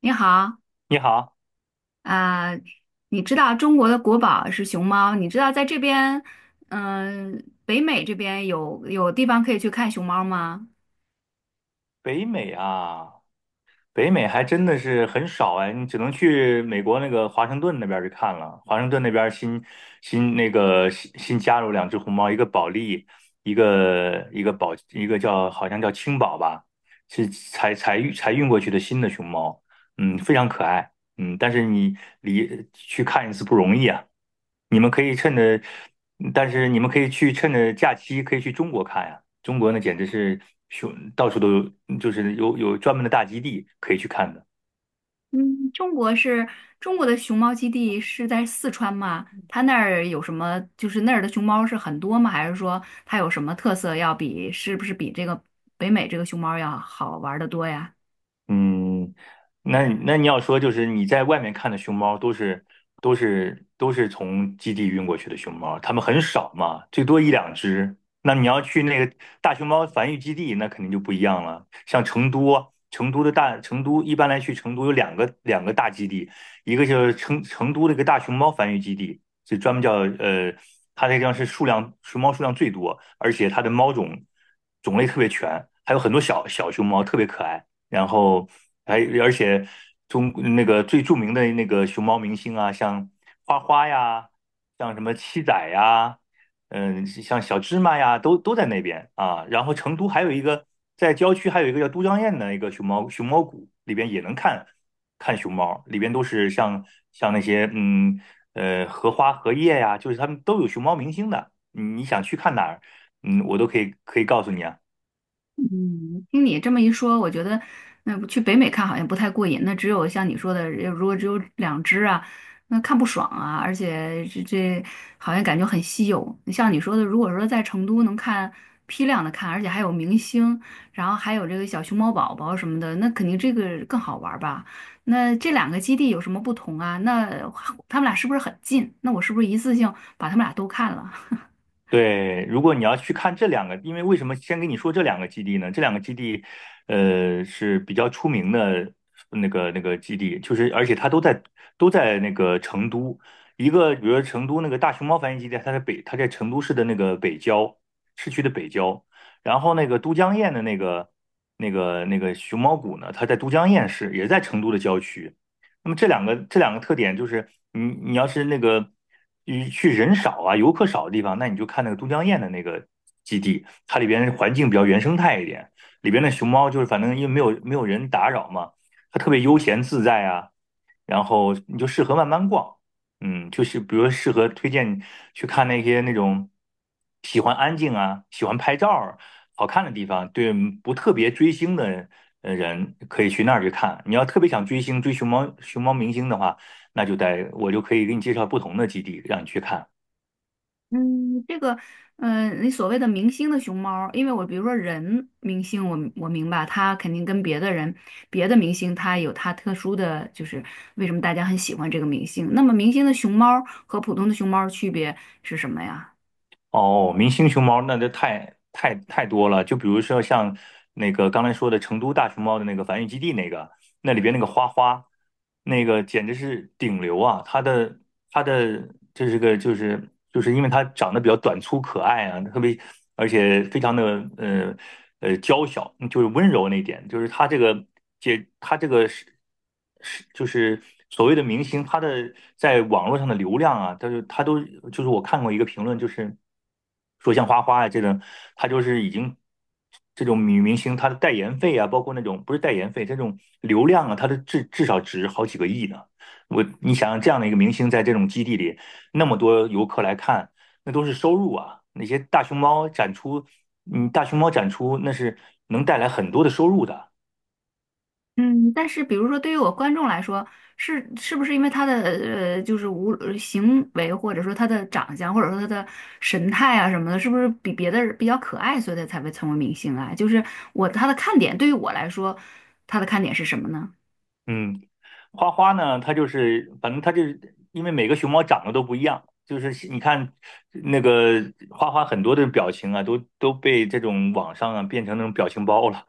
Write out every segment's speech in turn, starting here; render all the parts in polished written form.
你好。你好，啊、你知道中国的国宝是熊猫？你知道在这边，北美这边有地方可以去看熊猫吗？北美啊，北美还真的是很少哎，你只能去美国那个华盛顿那边儿去看了。华盛顿那边儿新新那个新新加入两只红猫，一个保利，一个宝，一个叫好像叫青宝吧，是才运过去的新的熊猫，嗯，非常可爱。嗯，但是你离去看一次不容易啊。你们可以趁着，但是你们可以去趁着假期可以去中国看呀、中国那简直是熊，到处都有，就是有专门的大基地可以去看的。嗯，中国是中国的熊猫基地是在四川吗？它那儿有什么？就是那儿的熊猫是很多吗？还是说它有什么特色要比是不是比这个北美这个熊猫要好玩的多呀？嗯，那你要说就是你在外面看的熊猫都是从基地运过去的熊猫，它们很少嘛，最多一两只。那你要去那个大熊猫繁育基地，那肯定就不一样了。像成都，成都的大成都一般来去成都有两个大基地，一个就是成都那个大熊猫繁育基地，是专门叫呃，它那个地方是数量熊猫数量最多，而且它的猫种种类特别全，还有很多小小熊猫特别可爱。然后还而且中那个最著名的那个熊猫明星啊，像花花呀，像什么七仔呀，嗯，像小芝麻呀，都在那边啊。然后成都还有一个在郊区还有一个叫都江堰的一个熊猫谷，里边也能看熊猫，里边都是像像那些荷花荷叶呀，就是他们都有熊猫明星的。你你想去看哪儿，嗯，我都可以告诉你啊。嗯，听你这么一说，我觉得那不去北美看好像不太过瘾。那只有像你说的，如果只有两只啊，那看不爽啊，而且这好像感觉很稀有。像你说的，如果说在成都能看批量的看，而且还有明星，然后还有这个小熊猫宝宝什么的，那肯定这个更好玩儿吧？那这两个基地有什么不同啊？那他们俩是不是很近？那我是不是一次性把他们俩都看了？对，如果你要去看这两个，因为为什么先跟你说这两个基地呢？这两个基地，呃，是比较出名的那个基地，就是而且它都在都在那个成都，一个比如说成都那个大熊猫繁育基地，它在北，它在成都市的那个北郊市区的北郊，然后那个都江堰的那个那个熊猫谷呢，它在都江堰市，也在成都的郊区。那么这两个特点就是，你你要是那个你去人少啊、游客少的地方，那你就看那个都江堰的那个基地，它里边环境比较原生态一点，里边的熊猫就是反正因为没有人打扰嘛，它特别悠闲自在啊。然后你就适合慢慢逛，嗯，就是比如说适合推荐去看那些那种喜欢安静啊、喜欢拍照儿好看的地方，对不特别追星的人可以去那儿去看。你要特别想追星、追熊猫明星的话，那就得我就可以给你介绍不同的基地让你去看。嗯，这个，你所谓的明星的熊猫因为我比如说人明星我明白他肯定跟别的人、别的明星，他有他特殊的，就是为什么大家很喜欢这个明星。那么明星的熊猫和普通的熊猫的区别是什么呀？哦，明星熊猫那就太多了，就比如说像那个刚才说的成都大熊猫的那个繁育基地那个。那里边那个花花，那个简直是顶流啊！它的这是个就是就是因为它长得比较短粗可爱啊，特别而且非常的呃娇小，就是温柔那一点，就是它这个姐它这个是是就是所谓的明星，他的在网络上的流量啊，他就他都就是我看过一个评论，就是说像花花啊这种，他就是已经。这种女明星她的代言费啊，包括那种不是代言费，这种流量啊，她的至少值好几个亿呢。我你想想这样的一个明星在这种基地里，那么多游客来看，那都是收入啊。那些大熊猫展出，嗯，大熊猫展出那是能带来很多的收入的。嗯，但是比如说，对于我观众来说，是不是因为他的就是无呃行为，或者说他的长相，或者说他的神态啊什么的，是不是比别的人比较可爱，所以他才会成为明星啊？就是我他的看点，对于我来说，他的看点是什么呢？嗯，花花呢，它就是反正它就是因为每个熊猫长得都不一样，就是你看那个花花很多的表情啊，都被这种网上啊变成那种表情包了。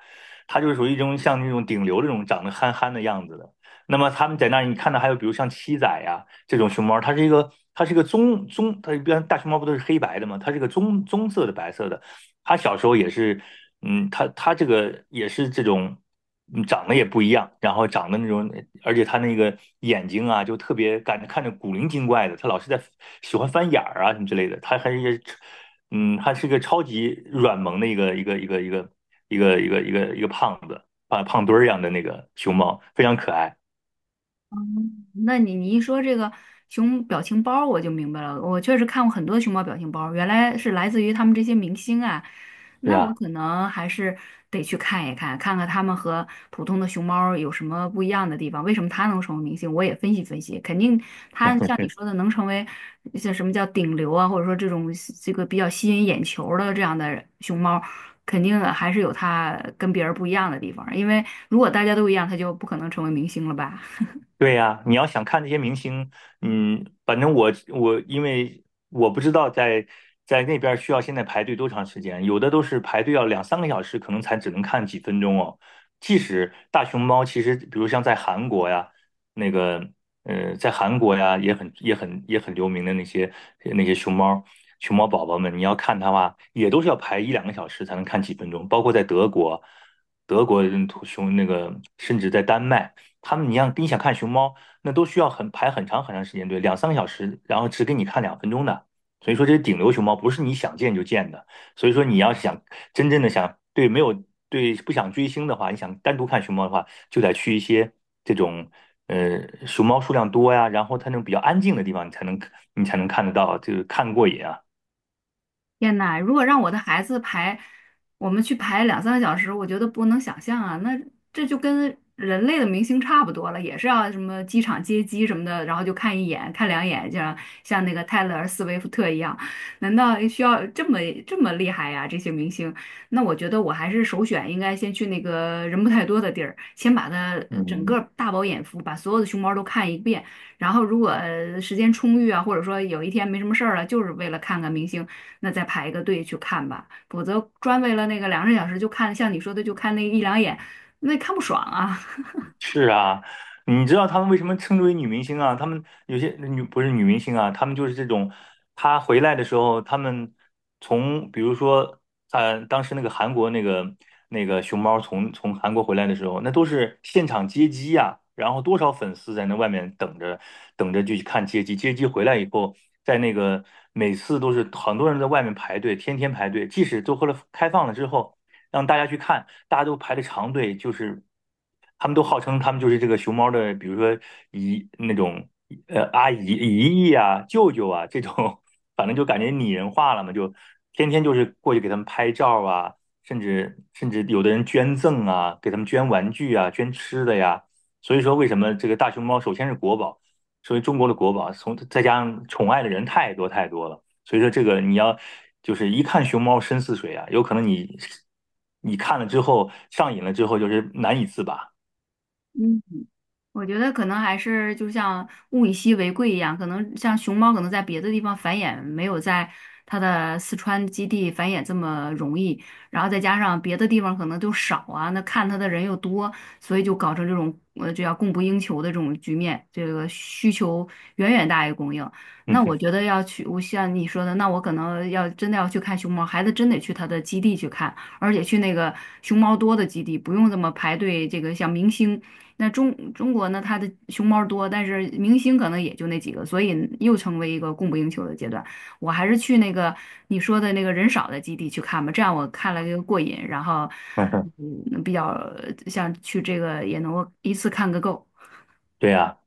它就是属于一种像那种顶流这种长得憨憨的样子的。那么他们在那儿，你看到还有比如像七仔呀、这种熊猫，它是一个棕棕，它一般大熊猫不都是黑白的吗？它是一个棕棕色的白色的，他小时候也是，嗯，他他这个也是这种，嗯长得也不一样，然后长得那种，而且他那个眼睛啊，就特别感觉看着古灵精怪的，他老是在喜欢翻眼儿啊什么之类的，他还是一个，嗯，他是个超级软萌的一个胖子，胖胖墩儿一样的那个熊猫，非常可爱，那你你一说这个熊表情包儿我就明白了。我确实看过很多熊猫表情包儿原来是来自于他们这些明星啊。是那我啊。可能还是得去看一看，看看他们和普通的熊猫儿有什么不一样的地方，为什么它能成为明星？我也分析分析，肯定它像你说的能成为像什么叫顶流啊，或者说这种这个比较吸引眼球儿的这样的熊猫儿肯定还是有它跟别人不一样的地方儿因为如果大家都一样，它就不可能成为明星了吧。对呀，你要想看那些明星，嗯，反正我因为我不知道在在那边需要现在排队多长时间，有的都是排队要两三个小时，可能才只能看几分钟哦。即使大熊猫，其实比如像在韩国呀，那个呃，在韩国呀也很流名的那些那些熊猫宝宝们，你要看它的话，也都是要排一两个小时才能看几分钟，包括在德国，德国人图熊那个甚至在丹麦。他们，你像你想看熊猫，那都需要很排很长时间队，两三个小时，然后只给你看两分钟的。所以说，这是顶流熊猫不是你想见就见的。所以说，你要想真正的想对没有对不想追星的话，你想单独看熊猫的话，就得去一些这种呃熊猫数量多呀，然后它那种比较安静的地方，你才能看得到，就是看过瘾啊。天呐，如果让我的孩子排，我们去排两三个小时，我觉得不能想象啊。那这就跟人类的明星差不多了，也是要什么机场接机什么的，然后就看一眼、看两眼，就像像那个泰勒·斯威夫特一样。难道需要这么厉害呀、这些明星，那我觉得我还是首选应该先去那个人不太多的地儿，先把它整嗯，个大饱眼福，把所有的熊猫都看一遍。然后如果时间充裕啊，或者说有一天没什么事儿了，就是为了看看明星，那再排一个队去看吧。否则专为了那个两个小时就看，像你说的就看那一两眼，那看不爽啊。是啊，你知道他们为什么称之为女明星啊？他们有些女不是女明星啊，他们就是这种，她回来的时候，他们从比如说，呃，当时那个韩国那个那个熊猫从韩国回来的时候，那都是现场接机呀、然后多少粉丝在那外面等着就去看接机，接机回来以后，在那个每次都是很多人在外面排队，天天排队，即使都后了开放了之后。让大家去看，大家都排着长队，就是他们都号称他们就是这个熊猫的，比如说姨那种阿姨、姨姨啊、舅舅啊这种，反正就感觉拟人化了嘛，就天天就是过去给他们拍照啊，甚至有的人捐赠啊，给他们捐玩具啊、捐吃的呀。所以说，为什么这个大熊猫首先是国宝，所以中国的国宝，从再加上宠爱的人太多了。所以说这个你要就是一看熊猫深似水啊，有可能你你看了之后上瘾了之后，就是难以自拔。嗯，我觉得可能还是就像物以稀为贵一样，可能像熊猫可能在别的地方繁衍没有在它的四川基地繁衍这么容易，然后再加上别的地方可能就少啊，那看它的人又多，所以就搞成这种这叫供不应求的这种局面，这个需求远远大于供应。嗯那我哼觉得要去，我像你说的，那我可能要真的要去看熊猫，孩子真得去它的基地去看，而且去那个熊猫多的基地，不用这么排队，这个像明星。那中国呢，它的熊猫多，但是明星可能也就那几个，所以又成为一个供不应求的阶段。我还是去那个你说的那个人少的基地去看吧，这样我看了这个过瘾，然后比较像去这个也能够一次看个够。对呀，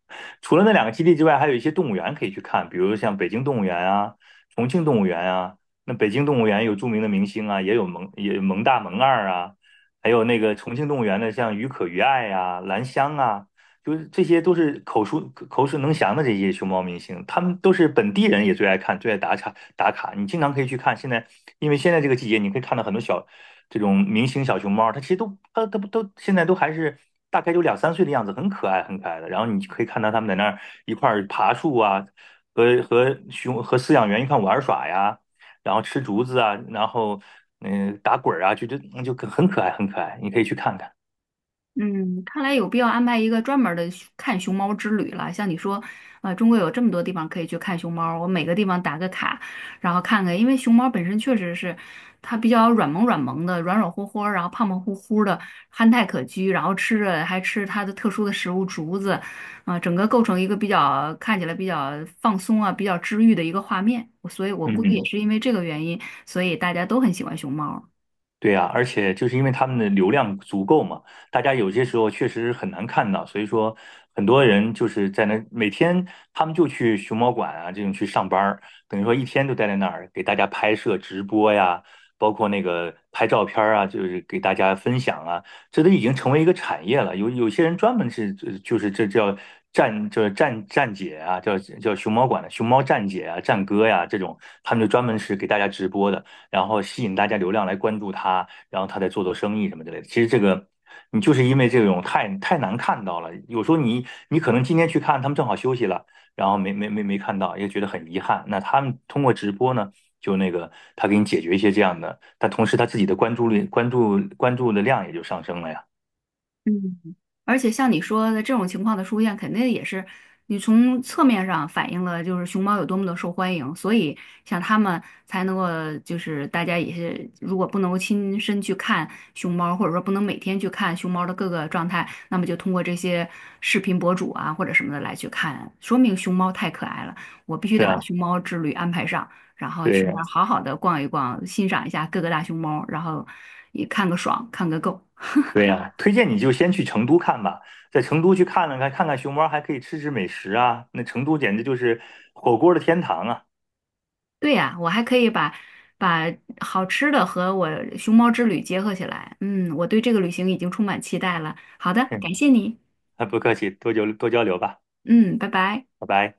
除了那两个基地之外，还有一些动物园可以去看，比如像北京动物园啊、重庆动物园啊。那北京动物园有著名的明星啊，也有萌也萌大、萌二啊，还有那个重庆动物园的像于可于爱啊、兰香啊，就是这些都是口述能详的这些熊猫明星，他们都是本地人也最爱看、最爱打卡。你经常可以去看，现在因为现在这个季节，你可以看到很多小这种明星小熊猫，它其实都它它不都现在都还是大概有两三岁的样子，很可爱的。然后你可以看到它们在那儿一块儿爬树啊，和熊和饲养员一块玩耍呀，然后吃竹子啊，然后打滚儿啊，就很可爱，你可以去看看。嗯，看来有必要安排一个专门儿的熊看熊猫之旅了。像你说，中国有这么多地方可以去看熊猫，我每个地方打个卡，然后看看。因为熊猫本身确实是它比较软萌软萌的，软软乎乎儿然后胖胖乎乎的，憨态可掬，然后吃着还吃它的特殊的食物竹子，整个构成一个比较看起来比较放松啊，比较治愈的一个画面。所以我嗯估计也嗯。是因为这个原因，所以大家都很喜欢熊猫。对呀，而且就是因为他们的流量足够嘛，大家有些时候确实很难看到，所以说很多人就是在那每天他们就去熊猫馆啊这种去上班儿，等于说一天都待在那儿给大家拍摄直播呀，包括那个拍照片儿啊，就是给大家分享啊，这都已经成为一个产业了。有些人专门是就是这叫站姐啊，叫熊猫馆的熊猫站姐啊、站哥呀这种，他们就专门是给大家直播的。然后吸引大家流量来关注他，然后他再做生意什么之类的。其实这个你就是因为这种太难看到了，有时候你你可能今天去看，他们正好休息了，然后没看到，也觉得很遗憾。那他们通过直播呢，就那个他给你解决一些这样的，但同时他自己的关注率、关注的量也就上升了呀。嗯，而且像你说的这种情况的出现，肯定也是你从侧面上反映了就是熊猫有多么的受欢迎，所以像他们才能够就是大家也是如果不能够亲身去看熊猫，或者说不能每天去看熊猫的各个状态，那么就通过这些视频博主啊或者什么的来去看，说明熊猫太可爱了，我必须是得把啊，熊猫之旅安排上，然后对去呀，那儿好好的逛一逛，欣赏一下各个大熊猫，然后也看个爽，看个够。对呀，推荐你就先去成都看吧，在成都去看了看，看看熊猫，还可以吃吃美食啊。那成都简直就是火锅的天堂啊！对呀，我还可以把把好吃的和我熊猫之旅结合起来。嗯，我对这个旅行已经充满期待了。好的，感谢你。啊，不客气，多交流吧，嗯，拜拜。拜拜。